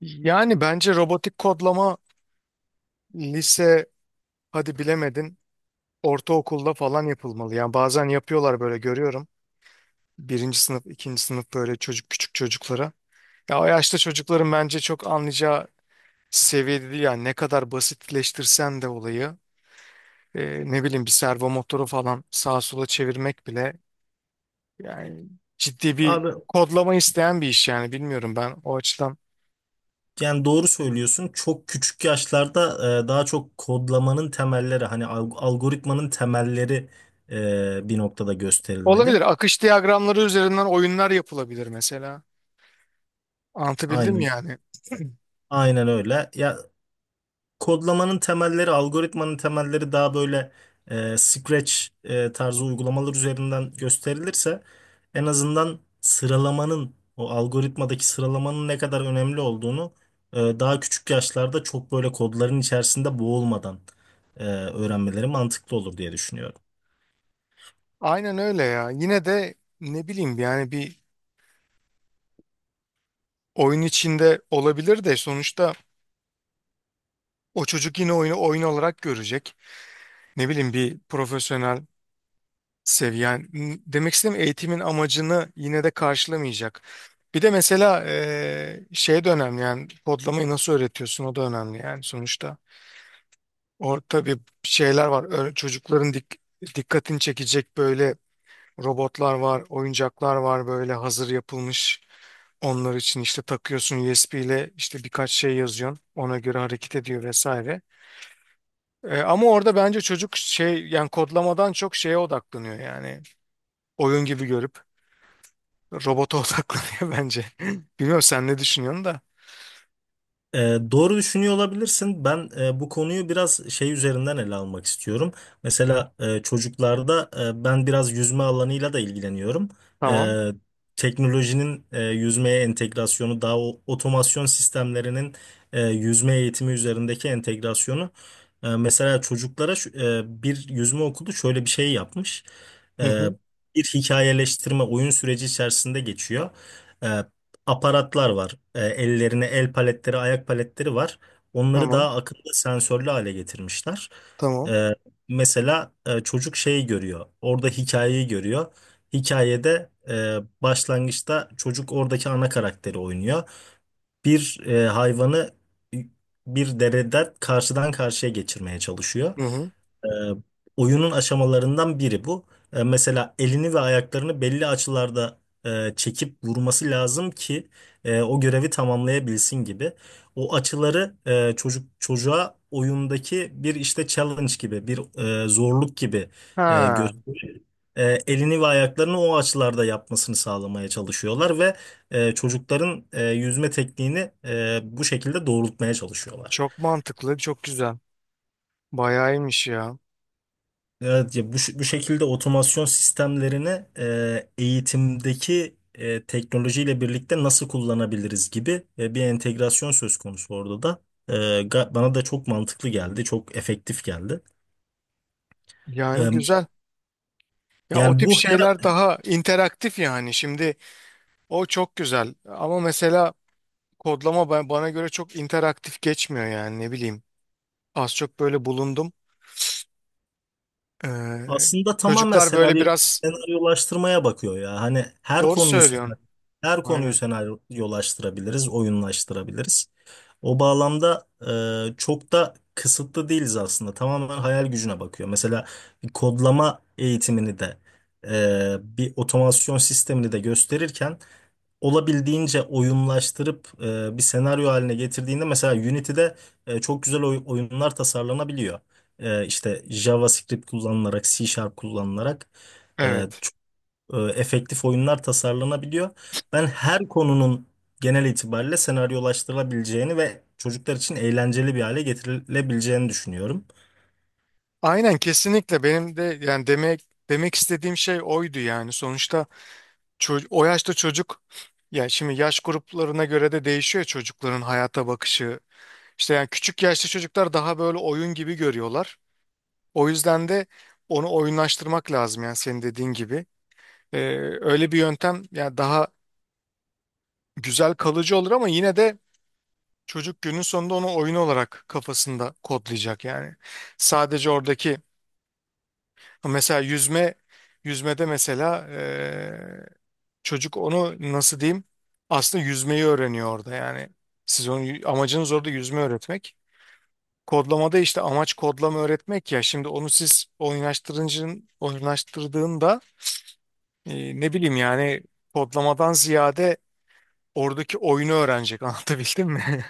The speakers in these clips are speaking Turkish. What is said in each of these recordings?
Yani bence robotik kodlama lise hadi bilemedin ortaokulda falan yapılmalı. Yani bazen yapıyorlar böyle görüyorum. Birinci sınıf, ikinci sınıf böyle çocuk küçük çocuklara. Ya o yaşta çocukların bence çok anlayacağı seviyede değil yani ne kadar basitleştirsen de olayı ne bileyim bir servo motoru falan sağa sola çevirmek bile yani ciddi bir Abi kodlama isteyen bir iş yani bilmiyorum ben o açıdan. yani doğru söylüyorsun. Çok küçük yaşlarda daha çok kodlamanın temelleri hani algoritmanın temelleri bir noktada gösterilmeli. Olabilir akış diyagramları üzerinden oyunlar yapılabilir mesela. Anlatabildim mi Aynen yani? aynen öyle. Ya kodlamanın temelleri, algoritmanın temelleri daha böyle Scratch tarzı uygulamalar üzerinden gösterilirse en azından sıralamanın o algoritmadaki sıralamanın ne kadar önemli olduğunu daha küçük yaşlarda çok böyle kodların içerisinde boğulmadan öğrenmeleri mantıklı olur diye düşünüyorum. Aynen öyle ya. Yine de ne bileyim yani bir oyun içinde olabilir de sonuçta o çocuk yine oyunu oyun olarak görecek. Ne bileyim bir profesyonel seviye. Yani demek istediğim eğitimin amacını yine de karşılamayacak. Bir de mesela şey de önemli yani kodlamayı nasıl öğretiyorsun o da önemli yani sonuçta. Orada bir şeyler var. Çocukların dikkatini çekecek böyle robotlar var, oyuncaklar var böyle hazır yapılmış. Onlar için işte takıyorsun USB ile işte birkaç şey yazıyorsun. Ona göre hareket ediyor vesaire. Ama orada bence çocuk şey yani kodlamadan çok şeye odaklanıyor yani. Oyun gibi görüp robota odaklanıyor bence. Bilmiyorum sen ne düşünüyorsun da. E, doğru düşünüyor olabilirsin. Ben bu konuyu biraz şey üzerinden ele almak istiyorum. Mesela çocuklarda ben biraz yüzme alanıyla da ilgileniyorum. Tamam. E, Teknolojinin yüzmeye entegrasyonu, daha otomasyon sistemlerinin yüzme eğitimi üzerindeki entegrasyonu. Mesela çocuklara bir yüzme okulu şöyle bir şey yapmış. Hı E, hı. Bir hikayeleştirme oyun süreci içerisinde geçiyor, aparatlar var. Ellerine el paletleri, ayak paletleri var. Onları Tamam. daha akıllı sensörlü hale getirmişler. Tamam. E, Mesela çocuk şeyi görüyor. Orada hikayeyi görüyor. Hikayede başlangıçta çocuk oradaki ana karakteri oynuyor. Bir hayvanı bir dereden karşıdan karşıya geçirmeye çalışıyor. Hı hı. E, Oyunun aşamalarından biri bu. Mesela elini ve ayaklarını belli açılarda çekip vurması lazım ki o görevi tamamlayabilsin gibi. O açıları çocuğa oyundaki bir işte challenge gibi, bir zorluk gibi Ha, gösterip elini ve ayaklarını o açılarda yapmasını sağlamaya çalışıyorlar ve çocukların yüzme tekniğini bu şekilde doğrultmaya çalışıyorlar. çok mantıklı, çok güzel. Bayağı iyiymiş ya. Evet, ya bu, bu şekilde otomasyon sistemlerini eğitimdeki teknolojiyle birlikte nasıl kullanabiliriz gibi bir entegrasyon söz konusu orada da. E, bana da çok mantıklı geldi, çok efektif geldi. Yani E, güzel. Ya o Yani tip bu şeyler her, daha interaktif yani. Şimdi o çok güzel. Ama mesela kodlama ben, bana göre çok interaktif geçmiyor yani ne bileyim. Az çok böyle bulundum. Ee, aslında tamamen Çocuklar böyle senaryo biraz senaryolaştırmaya bakıyor ya. Hani doğru söylüyorsun. her konuyu Aynen. senaryolaştırabiliriz, oyunlaştırabiliriz. O bağlamda çok da kısıtlı değiliz aslında. Tamamen hayal gücüne bakıyor. Mesela bir kodlama eğitimini de bir otomasyon sistemini de gösterirken olabildiğince oyunlaştırıp bir senaryo haline getirdiğinde mesela Unity'de çok güzel oyunlar tasarlanabiliyor. İşte JavaScript kullanılarak, C Sharp kullanılarak. E, Evet. Efektif oyunlar tasarlanabiliyor. Ben her konunun genel itibariyle senaryolaştırılabileceğini ve çocuklar için eğlenceli bir hale getirilebileceğini düşünüyorum. Aynen kesinlikle benim de yani demek istediğim şey oydu yani. Sonuçta o yaşta çocuk ya şimdi yaş gruplarına göre de değişiyor ya çocukların hayata bakışı. İşte yani küçük yaşta çocuklar daha böyle oyun gibi görüyorlar. O yüzden de onu oyunlaştırmak lazım yani senin dediğin gibi. Ee, Öyle bir yöntem yani daha güzel kalıcı olur ama yine de çocuk günün sonunda onu oyun olarak kafasında kodlayacak yani. Sadece oradaki mesela yüzmede mesela çocuk onu nasıl diyeyim aslında yüzmeyi öğreniyor orada yani. Siz onu amacınız orada yüzme öğretmek. Kodlamada işte amaç kodlama öğretmek ya şimdi onu siz oyunlaştırdığında ne bileyim yani kodlamadan ziyade oradaki oyunu öğrenecek anlatabildim mi?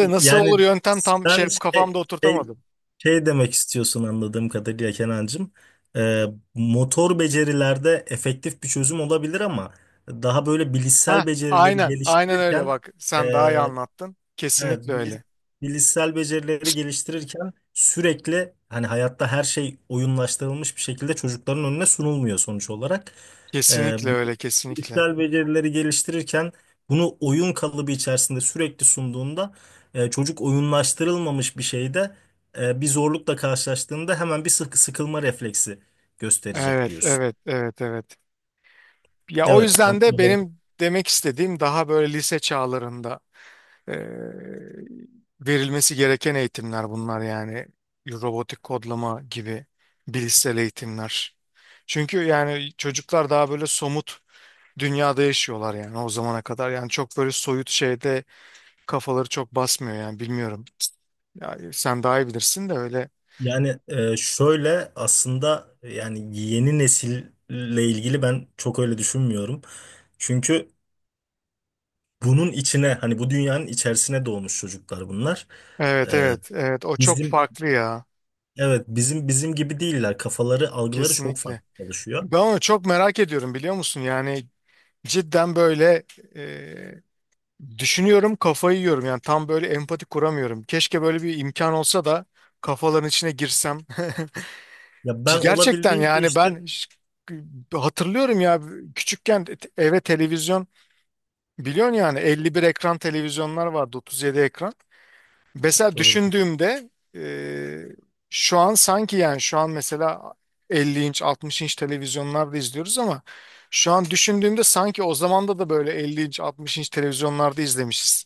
E, nasıl Yani olur yöntem tam şey sen kafamda şey, oturtamadım. şey demek istiyorsun anladığım kadarıyla Kenancığım. E, Motor becerilerde efektif bir çözüm olabilir ama daha böyle Ha, bilişsel becerileri aynen, aynen öyle geliştirirken bak. e, Sen daha iyi anlattın. evet, Kesinlikle öyle. bilişsel becerileri geliştirirken sürekli hani hayatta her şey oyunlaştırılmış bir şekilde çocukların önüne sunulmuyor sonuç olarak. Ee, Kesinlikle öyle, kesinlikle. Bilişsel becerileri geliştirirken bunu oyun kalıbı içerisinde sürekli sunduğunda çocuk oyunlaştırılmamış bir şeyde bir zorlukla karşılaştığında hemen bir sıkılma refleksi gösterecek Evet, diyorsun. evet, evet, evet. Ya o Evet, yüzden de tatlı. benim demek istediğim daha böyle lise çağlarında e, verilmesi gereken eğitimler bunlar yani robotik kodlama gibi bilişsel eğitimler. Çünkü yani çocuklar daha böyle somut dünyada yaşıyorlar yani o zamana kadar yani çok böyle soyut şeyde kafaları çok basmıyor yani bilmiyorum. Ya, sen daha iyi bilirsin de öyle. Yani şöyle aslında yani yeni nesille ilgili ben çok öyle düşünmüyorum. Çünkü bunun içine hani bu dünyanın içerisine doğmuş çocuklar bunlar. E, Evet evet evet o çok Bizim, farklı ya evet bizim gibi değiller. Kafaları, algıları çok kesinlikle. farklı çalışıyor. Ben onu çok merak ediyorum biliyor musun? Yani cidden böyle e, düşünüyorum kafayı yiyorum yani tam böyle empati kuramıyorum. Keşke böyle bir imkan olsa da kafaların içine girsem. Ya C ben gerçekten olabildiğince yani işte hatırlıyorum ya küçükken eve televizyon biliyorsun yani 51 ekran televizyonlar vardı 37 ekran. Mesela doğrudur. düşündüğümde e, şu an sanki yani şu an mesela 50 inç 60 inç televizyonlarda izliyoruz ama şu an düşündüğümde sanki o zamanda da böyle 50 inç 60 inç televizyonlarda izlemişiz.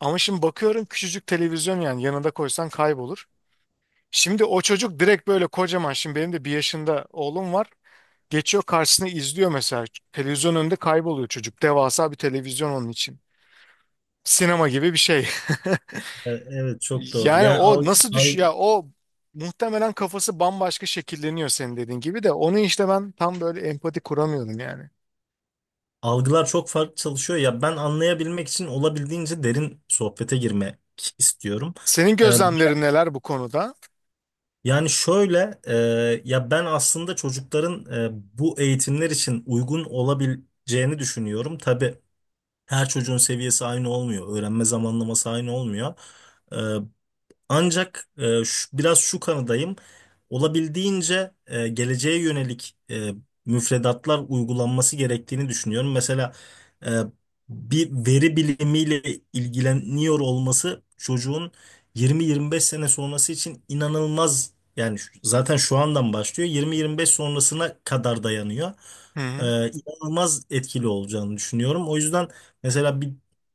Ama şimdi bakıyorum küçücük televizyon yani yanında koysan kaybolur. Şimdi o çocuk direkt böyle kocaman şimdi benim de bir yaşında oğlum var. Geçiyor karşısına izliyor mesela. Televizyon önünde kayboluyor çocuk. Devasa bir televizyon onun için. Sinema gibi bir şey. Evet, çok doğru. Yani Yani o nasıl düş ya o muhtemelen kafası bambaşka şekilleniyor senin dediğin gibi de onu işte ben tam böyle empati kuramıyorum yani. algılar çok farklı çalışıyor. Ya ben anlayabilmek için olabildiğince derin sohbete girmek istiyorum. Senin gözlemlerin neler bu konuda? Yani şöyle, ya ben aslında çocukların bu eğitimler için uygun olabileceğini düşünüyorum. Tabii her çocuğun seviyesi aynı olmuyor, öğrenme zamanlaması aynı olmuyor. E, Ancak biraz şu kanıdayım. Olabildiğince geleceğe yönelik müfredatlar uygulanması gerektiğini düşünüyorum. Mesela e, bir veri bilimiyle ilgileniyor olması çocuğun 20-25 sene sonrası için inanılmaz. Yani zaten şu andan başlıyor. 20-25 sonrasına kadar dayanıyor. Hı hı. İnanılmaz etkili olacağını düşünüyorum. O yüzden mesela bir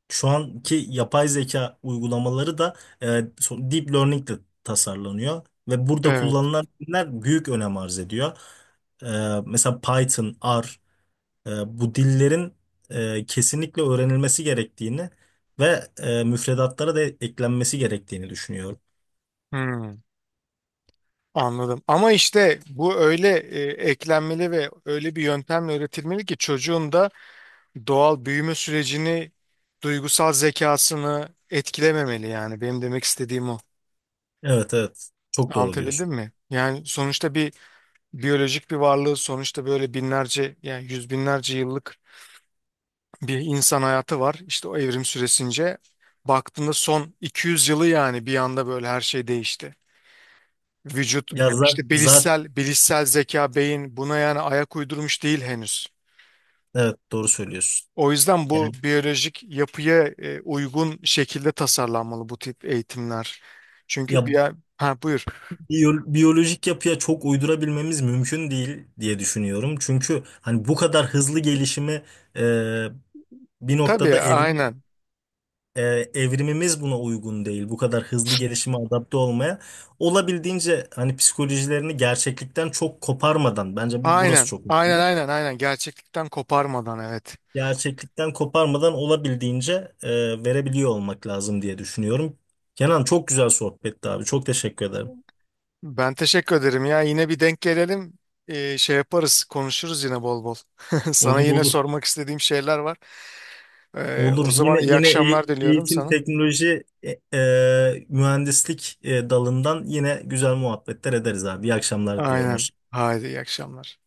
şu anki yapay zeka uygulamaları da deep learning de tasarlanıyor ve burada Evet. kullanılan diller büyük önem arz ediyor. E, Mesela Python, R, bu dillerin kesinlikle öğrenilmesi gerektiğini ve müfredatlara da eklenmesi gerektiğini düşünüyorum. Hı. Anladım. Ama işte bu öyle eklenmeli ve öyle bir yöntemle öğretilmeli ki çocuğun da doğal büyüme sürecini, duygusal zekasını etkilememeli yani. Benim demek istediğim o. Evet evet, çok doğru Anlatabildim diyorsun. mi? Yani sonuçta bir biyolojik bir varlığı sonuçta böyle binlerce yani yüz binlerce yıllık bir insan hayatı var. İşte o evrim süresince baktığında son 200 yılı yani bir anda böyle her şey değişti. Vücut Ya zaten işte zaten bilişsel zeka beyin buna yani ayak uydurmuş değil henüz. evet doğru söylüyorsun. O yüzden bu Yani biyolojik yapıya uygun şekilde tasarlanmalı bu tip eğitimler. Çünkü ya bir ha buyur. Biyolojik yapıya çok uydurabilmemiz mümkün değil diye düşünüyorum. Çünkü hani bu kadar hızlı gelişimi e, bir Tabii noktada aynen. e, evrimimiz buna uygun değil. Bu kadar hızlı gelişime adapte olmaya. Olabildiğince hani psikolojilerini gerçeklikten çok koparmadan, bence bu, burası Aynen. çok Aynen önemli. aynen aynen gerçeklikten koparmadan evet. Gerçeklikten koparmadan olabildiğince verebiliyor olmak lazım diye düşünüyorum. Kenan, çok güzel sohbetti abi. Çok teşekkür ederim. Ben teşekkür ederim ya. Yine bir denk gelelim. Şey yaparız, konuşuruz yine bol bol. Sana Olur yine olur. sormak istediğim şeyler var. Olur. O zaman Yine iyi yine akşamlar diliyorum eğitim, sana. teknoloji, mühendislik dalından yine güzel muhabbetler ederiz abi. İyi akşamlar diliyorum. Aynen. Hoşça Haydi iyi akşamlar.